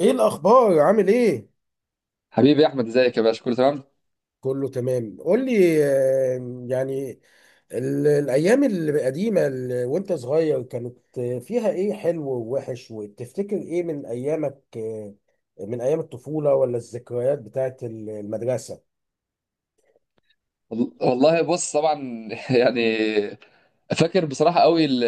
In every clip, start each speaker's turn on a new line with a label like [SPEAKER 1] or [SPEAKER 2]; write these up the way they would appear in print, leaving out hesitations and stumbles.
[SPEAKER 1] ايه الاخبار عامل ايه؟
[SPEAKER 2] حبيبي يا احمد، ازيك يا باشا؟ كله تمام.
[SPEAKER 1] كله تمام. قول لي الايام القديمه وانت صغير كانت فيها ايه حلو ووحش، وتفتكر ايه من ايامك؟ من ايام الطفوله، ولا الذكريات بتاعت المدرسه؟
[SPEAKER 2] والله بص، طبعا. يعني فاكر بصراحه قوي ال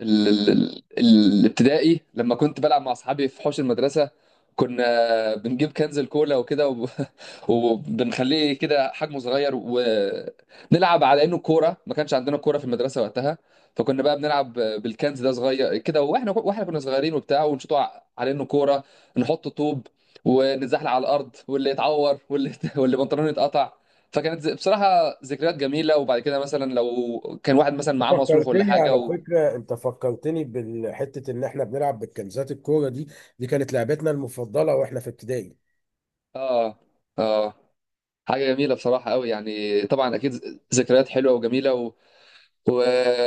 [SPEAKER 2] ال- ال- ال- الابتدائي لما كنت بلعب مع اصحابي في حوش المدرسه. كنا بنجيب كنز الكولا وكده. وبنخليه كده حجمه صغير ونلعب على انه كوره، ما كانش عندنا كوره في المدرسه وقتها. فكنا بقى بنلعب بالكنز ده صغير كده، واحنا كنا صغيرين وبتاع، ونشوطه على انه كوره. نحط طوب ونتزحلق على الارض، واللي يتعور واللي واللي بنطلونه يتقطع. فكانت بصراحه ذكريات جميله. وبعد كده مثلا لو كان واحد مثلا
[SPEAKER 1] أنت
[SPEAKER 2] معاه مصروف ولا
[SPEAKER 1] فكرتني،
[SPEAKER 2] حاجه
[SPEAKER 1] على فكره انت فكرتني بالحته ان احنا بنلعب بالكنزات الكوره دي. دي كانت لعبتنا المفضله واحنا في ابتدائي.
[SPEAKER 2] اه، اه، حاجه جميله بصراحه قوي، يعني طبعا اكيد ذكريات حلوه وجميله. و...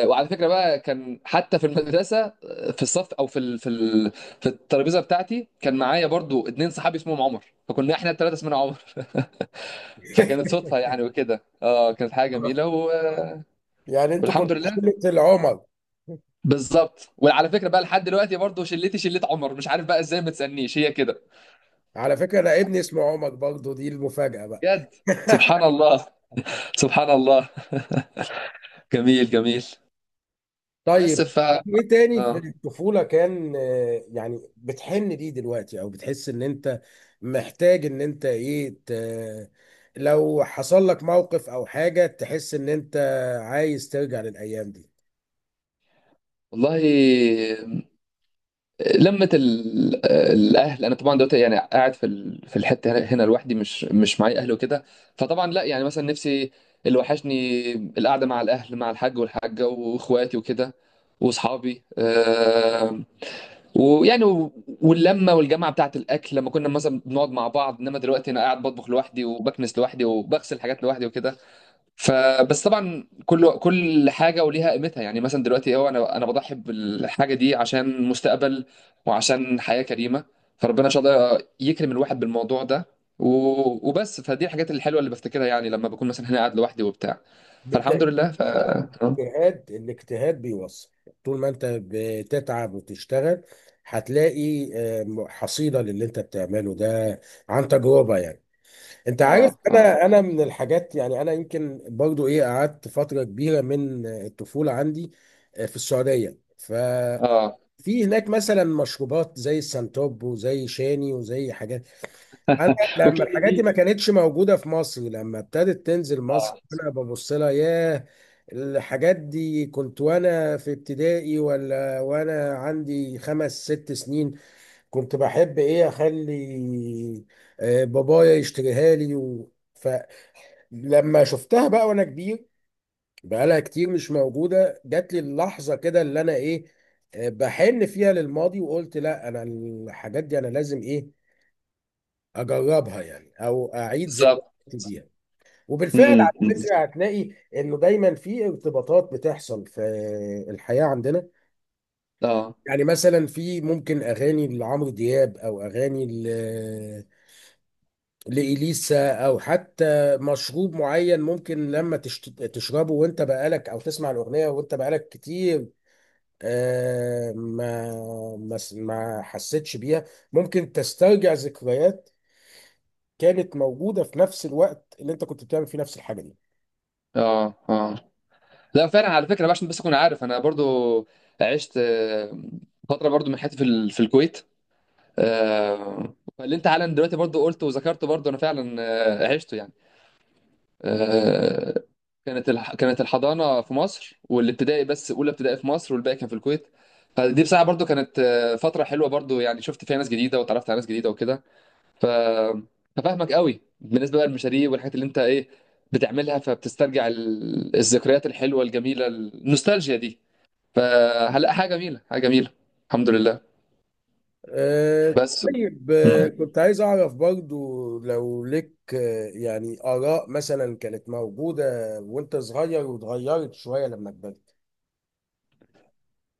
[SPEAKER 2] وعلى فكره بقى كان حتى في المدرسه، في الصف، او في الترابيزه بتاعتي كان معايا برضو اتنين صحابي اسمهم عمر، فكنا احنا الثلاثه اسمنا عمر. فكانت صدفه، يعني وكده كانت حاجه جميله.
[SPEAKER 1] يعني انتوا
[SPEAKER 2] والحمد
[SPEAKER 1] كنتوا
[SPEAKER 2] لله.
[SPEAKER 1] شله العمر.
[SPEAKER 2] بالظبط. وعلى فكره بقى لحد دلوقتي برضو، شلت عمر، مش عارف بقى ازاي، ما تسالنيش، هي كده.
[SPEAKER 1] على فكره انا ابني اسمه عمر برضه، دي المفاجاه بقى.
[SPEAKER 2] بجد، سبحان الله، سبحان الله. جميل، جميل. بس
[SPEAKER 1] طيب،
[SPEAKER 2] ف
[SPEAKER 1] ايه تاني في
[SPEAKER 2] اه
[SPEAKER 1] الطفولة كان بتحن ليه دلوقتي، او بتحس ان انت محتاج ان انت لو حصل لك موقف او حاجة تحس ان انت عايز ترجع للايام دي؟
[SPEAKER 2] والله، لمة الأهل. أنا طبعا دلوقتي يعني قاعد في في الحتة هنا لوحدي، مش معايا أهل وكده. فطبعا لا، يعني مثلا نفسي، اللي وحشني القعدة مع الأهل، مع الحاج والحاجة وإخواتي وكده، وأصحابي، ويعني واللمة والجامعة بتاعة الأكل لما كنا مثلا بنقعد مع بعض. إنما دلوقتي أنا قاعد بطبخ لوحدي، وبكنس لوحدي، وبغسل حاجات لوحدي وكده. فبس طبعا، كل حاجه وليها قيمتها. يعني مثلا دلوقتي هو انا بضحي بالحاجه دي عشان مستقبل وعشان حياه كريمه. فربنا ان شاء الله يكرم الواحد بالموضوع ده. وبس، فدي الحاجات الحلوه اللي بفتكرها، يعني لما بكون مثلا هنا قاعد لوحدي وبتاع.
[SPEAKER 1] بالاجتهاد،
[SPEAKER 2] فالحمد لله. ف اه
[SPEAKER 1] الاجتهاد بيوصل. طول ما انت بتتعب وتشتغل هتلاقي حصيلة للي انت بتعمله ده، عن تجربة يعني. انت عارف،
[SPEAKER 2] اه،
[SPEAKER 1] انا من الحاجات يعني، انا يمكن برضو ايه، قعدت فتره كبيره من الطفوله عندي في السعوديه، ففي
[SPEAKER 2] اه،
[SPEAKER 1] هناك مثلا مشروبات زي السنتوب وزي شاني وزي حاجات. انا لما
[SPEAKER 2] وكيدي
[SPEAKER 1] الحاجات دي
[SPEAKER 2] دي.
[SPEAKER 1] ما كانتش موجوده في مصر، لما ابتدت تنزل مصر
[SPEAKER 2] اه،
[SPEAKER 1] انا ببص لها، ياه، الحاجات دي كنت وانا في ابتدائي، ولا وانا عندي خمس ست سنين كنت بحب ايه اخلي بابايا يشتريها لي. و... لما شفتها بقى وانا كبير، بقالها كتير مش موجوده، جات لي اللحظه كده اللي انا ايه، بحن فيها للماضي، وقلت لا، انا الحاجات دي انا لازم ايه، اجربها يعني، او اعيد ذكرياتي
[SPEAKER 2] بالظبط.
[SPEAKER 1] بيها. وبالفعل
[SPEAKER 2] امم
[SPEAKER 1] على فكره هتلاقي انه دايما في ارتباطات بتحصل في الحياه عندنا.
[SPEAKER 2] اه،
[SPEAKER 1] يعني مثلا في ممكن اغاني لعمرو دياب، او اغاني لإليسا، أو حتى مشروب معين، ممكن لما تشربه وأنت بقالك، أو تسمع الأغنية وأنت بقالك كتير آه، ما ما حسيتش بيها، ممكن تسترجع ذكريات كانت موجودة في نفس الوقت اللي أنت كنت بتعمل فيه نفس الحاجة دي.
[SPEAKER 2] اه، اه، لا، فعلا، على فكره بقى، عشان بس اكون عارف انا برضو عشت فتره برضو من حياتي في في الكويت. فاللي انت حالا دلوقتي برضو قلته وذكرته، برضو انا فعلا عشته، يعني. آه، كانت الحضانه في مصر والابتدائي، بس اولى ابتدائي في مصر والباقي كان في الكويت. فدي بصراحه برضو كانت فتره حلوه برضو، يعني شفت فيها ناس جديده وتعرفت على ناس جديده وكده. ف ففاهمك قوي بالنسبه بقى للمشاريع والحاجات اللي انت ايه بتعملها، فبتسترجع الذكريات الحلوه الجميله، النوستالجيا دي. فهلا، حاجه جميله، حاجه جميله. الحمد لله. بس.
[SPEAKER 1] طيب،
[SPEAKER 2] مم.
[SPEAKER 1] كنت عايز أعرف برضو لو لك آراء مثلا كانت موجودة وأنت صغير واتغيرت شوية لما كبرت؟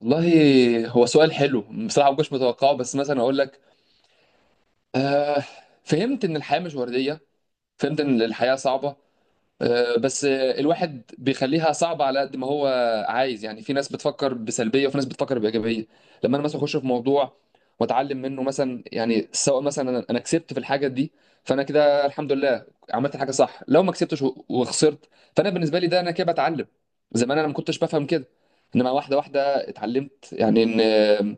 [SPEAKER 2] والله، هو سؤال حلو، بصراحه ما كنتش متوقعه. بس مثلا اقول لك، آه فهمت ان الحياه مش ورديه، فهمت ان الحياه صعبه. بس الواحد بيخليها صعبة على قد ما هو عايز. يعني في ناس بتفكر بسلبية، وفي ناس بتفكر بإيجابية. لما أنا مثلا أخش في موضوع وأتعلم منه، مثلا يعني سواء مثلا أنا كسبت في الحاجة دي، فأنا كده الحمد لله عملت الحاجة صح. لو ما كسبتش وخسرت، فأنا بالنسبة لي ده أنا كده بتعلم. زمان أنا ما كنتش بفهم كده، إنما واحدة واحدة اتعلمت، يعني إن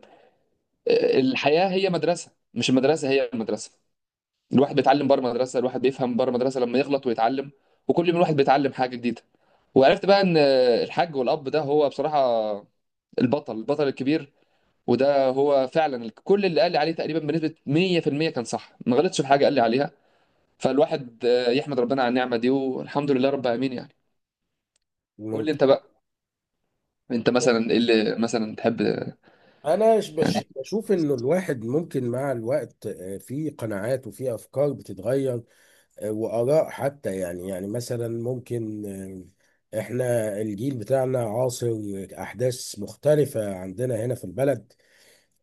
[SPEAKER 2] الحياة هي مدرسة، مش المدرسة هي المدرسة. الواحد بيتعلم بره مدرسه، الواحد بيفهم بره مدرسه لما يغلط ويتعلم. وكل يوم الواحد بيتعلم حاجه جديده. وعرفت بقى ان الحاج والاب ده هو بصراحه البطل، البطل الكبير. وده هو فعلا كل اللي قال لي عليه تقريبا بنسبه 100% كان صح، ما غلطش في حاجه قال لي عليها. فالواحد يحمد ربنا على النعمه دي، والحمد لله رب العالمين، يعني. قول لي
[SPEAKER 1] ممكن.
[SPEAKER 2] انت بقى، انت مثلا ايه اللي مثلا تحب، يعني؟
[SPEAKER 1] بشوف انه الواحد ممكن مع الوقت في قناعات وفي افكار بتتغير، واراء حتى يعني. يعني مثلا ممكن آه، احنا الجيل بتاعنا عاصر احداث مختلفة عندنا هنا في البلد،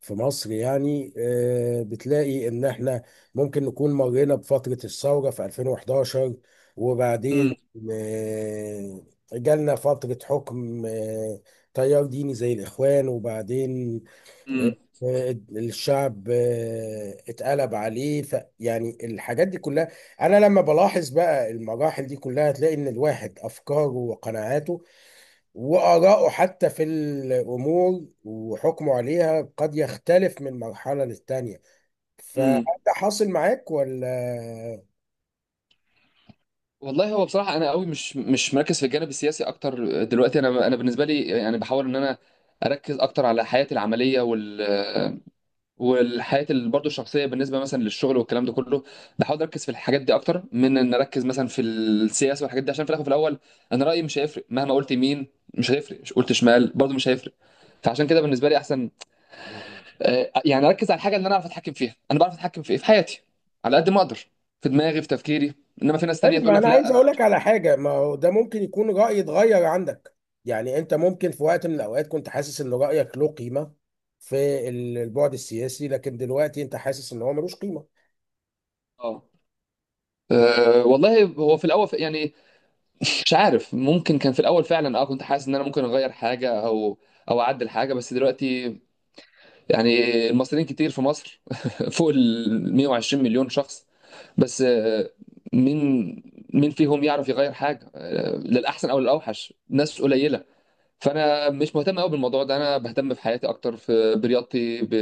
[SPEAKER 1] في مصر يعني. بتلاقي ان احنا ممكن نكون مرينا بفترة الثورة في 2011، وبعدين
[SPEAKER 2] امم
[SPEAKER 1] آه، جالنا فترة حكم تيار ديني زي الإخوان، وبعدين
[SPEAKER 2] امم
[SPEAKER 1] آه، الشعب اتقلب عليه. ف يعني الحاجات دي كلها انا لما بلاحظ بقى المراحل دي كلها، هتلاقي ان الواحد افكاره وقناعاته واراءه حتى في الامور وحكمه عليها قد يختلف من مرحلة للتانية.
[SPEAKER 2] امم
[SPEAKER 1] فانت حاصل معاك ولا؟
[SPEAKER 2] والله، هو بصراحة أنا قوي مش مركز في الجانب السياسي أكتر دلوقتي. أنا بالنسبة لي يعني بحاول إن أنا أركز أكتر على حياتي العملية والحياة برضه الشخصية، بالنسبة مثلا للشغل والكلام ده كله. بحاول أركز في الحاجات دي أكتر من إن أركز مثلا في السياسة والحاجات دي، عشان في الآخر، في الأول، أنا رأيي مش هيفرق مهما قلت يمين، مش هيفرق، مش قلت شمال برضه مش هيفرق. فعشان كده بالنسبة لي أحسن يعني أركز على الحاجة اللي أنا أعرف أتحكم فيها. أنا بعرف أتحكم في إيه؟ في حياتي، على قد ما أقدر، في دماغي، في تفكيري. إنما في ناس تانية
[SPEAKER 1] طيب
[SPEAKER 2] تقول
[SPEAKER 1] ما انا
[SPEAKER 2] لك لا،
[SPEAKER 1] عايز
[SPEAKER 2] أنا
[SPEAKER 1] اقول
[SPEAKER 2] مش
[SPEAKER 1] لك
[SPEAKER 2] عارف.
[SPEAKER 1] على حاجه، ما هو ده ممكن يكون راي اتغير عندك. يعني انت ممكن في وقت من الاوقات كنت حاسس ان رايك له قيمه في البعد السياسي، لكن دلوقتي انت حاسس ان هو ملوش قيمه.
[SPEAKER 2] آه، أه، والله، هو في الاول يعني مش عارف، ممكن كان في الاول فعلا كنت حاسس ان انا ممكن اغير حاجه، او اعدل حاجه، بس دلوقتي يعني، المصريين كتير في مصر. فوق ال 120 مليون شخص، بس مين مين فيهم يعرف يغير حاجه، للاحسن او للاوحش؟ ناس قليله. فانا مش مهتم قوي بالموضوع ده، انا بهتم بحياتي اكتر، في برياضتي،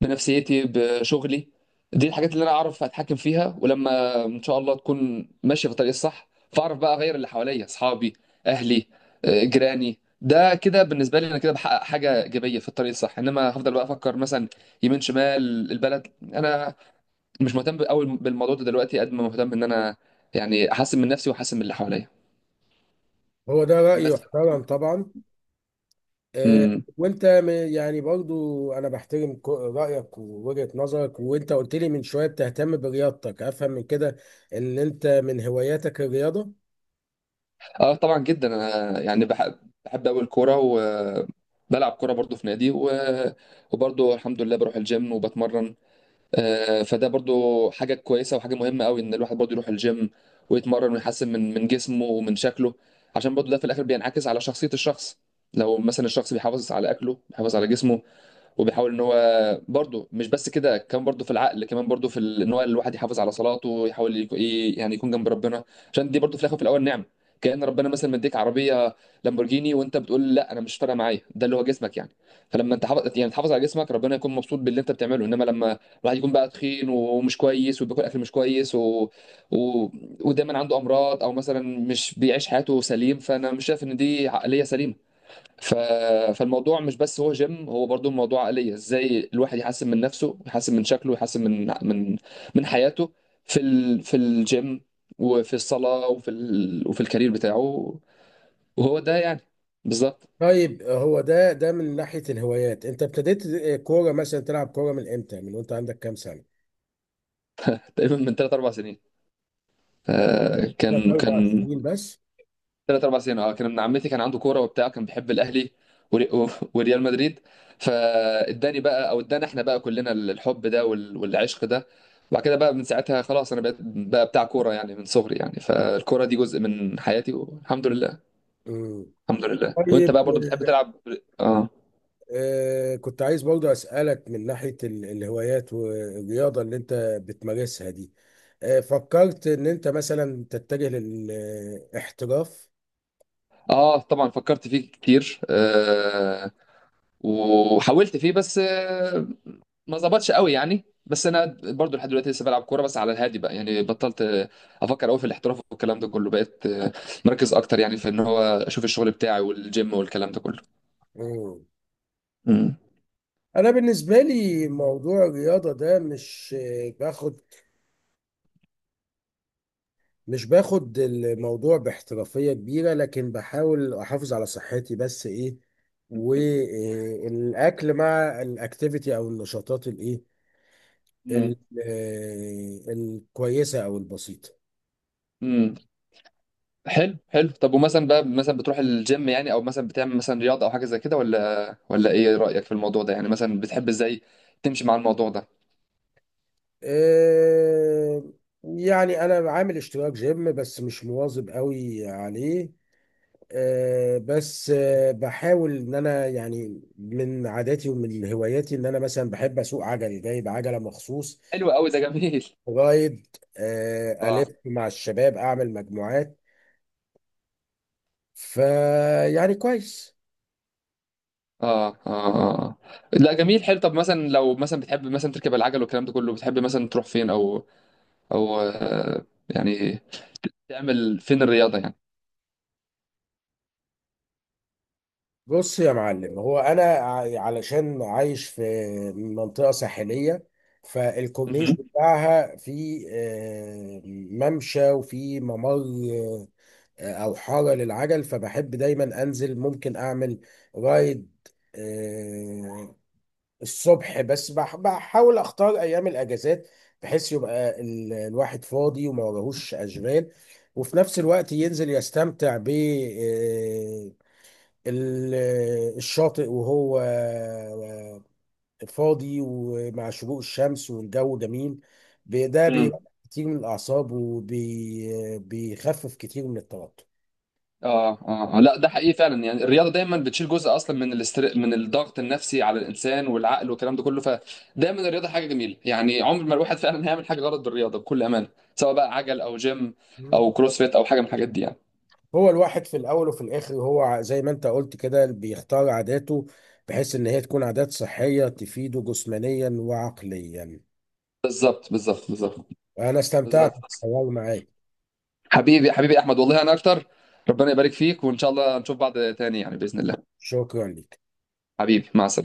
[SPEAKER 2] بنفسيتي، بشغلي. دي الحاجات اللي انا اعرف اتحكم فيها، ولما ان شاء الله تكون ماشيه في الطريق الصح، فاعرف بقى اغير اللي حواليا: اصحابي، اهلي، جيراني. ده كده بالنسبه لي انا كده بحقق حاجه ايجابيه في الطريق الصح. انما هفضل بقى افكر مثلا يمين، شمال، البلد، انا مش مهتم قوي بالموضوع ده دلوقتي قد ما مهتم ان انا يعني احسن من نفسي واحسن من اللي حواليا.
[SPEAKER 1] هو ده راي
[SPEAKER 2] بس.
[SPEAKER 1] يحترم طبعا. آه، وانت يعني برضو انا بحترم رايك ووجهه نظرك. وانت قلت لي من شويه بتهتم برياضتك، افهم من كده ان انت من هواياتك الرياضه.
[SPEAKER 2] اه، طبعا جدا، انا يعني بحب، بحب قوي الكوره، وبلعب كوره برضو في نادي، وبرضو الحمد لله بروح الجيم وبتمرن. فده برضو حاجه كويسه وحاجه مهمه قوي، ان الواحد برضو يروح الجيم ويتمرن ويحسن من جسمه ومن شكله، عشان برضو ده في الاخر بينعكس على شخصيه الشخص. لو مثلا الشخص بيحافظ على اكله، بيحافظ على جسمه، وبيحاول ان هو برضه مش بس كده، كمان برضه في العقل، كمان برضه في ان هو الواحد يحافظ على صلاته، ويحاول يعني يكون جنب ربنا، عشان دي برضه في الاخر وفي الاول نعمه. كأن ربنا مثلا مديك عربيه لامبورجيني وانت بتقول لا، انا مش فارقه معايا، ده اللي هو جسمك يعني. فلما انت حافظ، يعني تحافظ على جسمك، ربنا يكون مبسوط باللي انت بتعمله. انما لما الواحد يكون بقى تخين ومش كويس، وبياكل اكل مش كويس، و... ودايما عنده امراض، او مثلا مش بيعيش حياته سليم، فانا مش شايف ان دي عقليه سليمه. ف... فالموضوع مش بس هو جيم، هو برضو الموضوع عقلية. ازاي الواحد يحسن من نفسه، يحسن من شكله، يحسن من حياته، في في الجيم، وفي الصلاة، وفي وفي الكارير بتاعه. وهو ده يعني، بالظبط.
[SPEAKER 1] طيب، هو ده ده من ناحية الهوايات، انت ابتديت كورة مثلا، تلعب كورة من امتى، من وانت عندك كام سنة؟
[SPEAKER 2] تقريبا من ثلاث اربع سنين.
[SPEAKER 1] ثلاث
[SPEAKER 2] فكان
[SPEAKER 1] اربع
[SPEAKER 2] كان
[SPEAKER 1] سنين بس؟
[SPEAKER 2] ثلاث اربع سنين، كان ابن عمتي كان عنده كوره وبتاع، كان بيحب الاهلي وري- و- وريال مدريد. فاداني بقى، او ادانا احنا بقى كلنا الحب ده والعشق ده. وبعد كده بقى من ساعتها خلاص، انا بقيت بقى بتاع كوره، يعني من صغري، يعني فالكوره دي جزء من حياتي والحمد لله.
[SPEAKER 1] مم.
[SPEAKER 2] الحمد لله. وانت
[SPEAKER 1] طيب،
[SPEAKER 2] بقى برضو بتحب
[SPEAKER 1] آه،
[SPEAKER 2] تلعب؟ اه،
[SPEAKER 1] كنت عايز برضه اسألك من ناحية الهوايات والرياضة اللي انت بتمارسها دي، آه، فكرت ان انت مثلا تتجه للاحتراف؟
[SPEAKER 2] اه، طبعا فكرت فيه كتير. وحاولت فيه، بس ما ظبطش قوي يعني. بس انا برضو لحد دلوقتي لسه بلعب كوره، بس على الهادي بقى، يعني بطلت افكر قوي في الاحتراف والكلام ده كله. بقيت مركز اكتر، يعني في ان هو اشوف الشغل بتاعي والجيم والكلام ده كله.
[SPEAKER 1] مم.
[SPEAKER 2] امم،
[SPEAKER 1] انا بالنسبة لي موضوع الرياضة ده مش آه، باخد مش باخد الموضوع باحترافية كبيرة، لكن بحاول أحافظ على صحتي، بس إيه، والأكل مع الأكتيفيتي أو النشاطات الإيه،
[SPEAKER 2] امم،
[SPEAKER 1] ال- الكويسة أو البسيطة.
[SPEAKER 2] أمم. حلو، حلو. طب ومثلا بقى، مثلا بتروح الجيم يعني، او مثلا بتعمل مثلا رياضه او حاجه زي كده، ولا ايه رايك في الموضوع ده؟ يعني مثلا بتحب ازاي تمشي مع الموضوع ده؟
[SPEAKER 1] آه، يعني أنا عامل اشتراك جيم بس مش مواظب قوي عليه. آه، بس آه، بحاول إن أنا، يعني من عاداتي ومن هواياتي، إن أنا مثلا بحب أسوق عجل، جايب عجلة مخصوص
[SPEAKER 2] حلو قوي، ده جميل.
[SPEAKER 1] جرايد، ألف
[SPEAKER 2] اه،
[SPEAKER 1] مع الشباب، أعمل مجموعات، فيعني كويس.
[SPEAKER 2] اه، اه، آه. لا، جميل، حلو. طب مثلا لو مثلا بتحب مثلا تركب العجل والكلام ده كله، بتحب مثلا تروح فين، او او آه، يعني تعمل فين الرياضه يعني؟
[SPEAKER 1] بص يا معلم، هو أنا علشان عايش في منطقة ساحلية، فالكورنيش
[SPEAKER 2] مهم.
[SPEAKER 1] بتاعها في ممشى، وفي ممر آه، أو حارة للعجل، فبحب دايما أنزل، ممكن أعمل رايد آه، الصبح، بس بحاول اختار ايام الاجازات، بحيث يبقى الواحد فاضي وما وراهوش اشغال، وفي نفس الوقت ينزل يستمتع ب ال- الشاطئ وهو فاضي، ومع شروق الشمس والجو جميل. ده
[SPEAKER 2] مم.
[SPEAKER 1] بيبقى كتير من الاعصاب، وبيخفف كتير من التوتر.
[SPEAKER 2] اه، اه، آه. لا، ده حقيقي فعلا، يعني الرياضه دايما بتشيل جزء اصلا من من الضغط النفسي على الانسان والعقل والكلام ده كله. فدايما الرياضه حاجه جميله، يعني عمر ما الواحد فعلا هيعمل حاجه غلط بالرياضه بكل امانه، سواء بقى عجل او جيم او كروسفيت او حاجه من الحاجات دي، يعني.
[SPEAKER 1] هو الواحد في الاول وفي الاخر هو زي ما انت قلت كده، بيختار عاداته بحيث ان هي تكون عادات صحية تفيده جسمانيا وعقليا.
[SPEAKER 2] بالظبط، بالظبط، بالظبط.
[SPEAKER 1] انا استمتعت
[SPEAKER 2] بالظبط.
[SPEAKER 1] بالحوار معاك.
[SPEAKER 2] حبيبي، حبيبي احمد، والله انا اكتر. ربنا يبارك فيك، وان شاء الله نشوف بعض تاني، يعني باذن الله.
[SPEAKER 1] شكرا لك.
[SPEAKER 2] حبيبي، مع السلامه.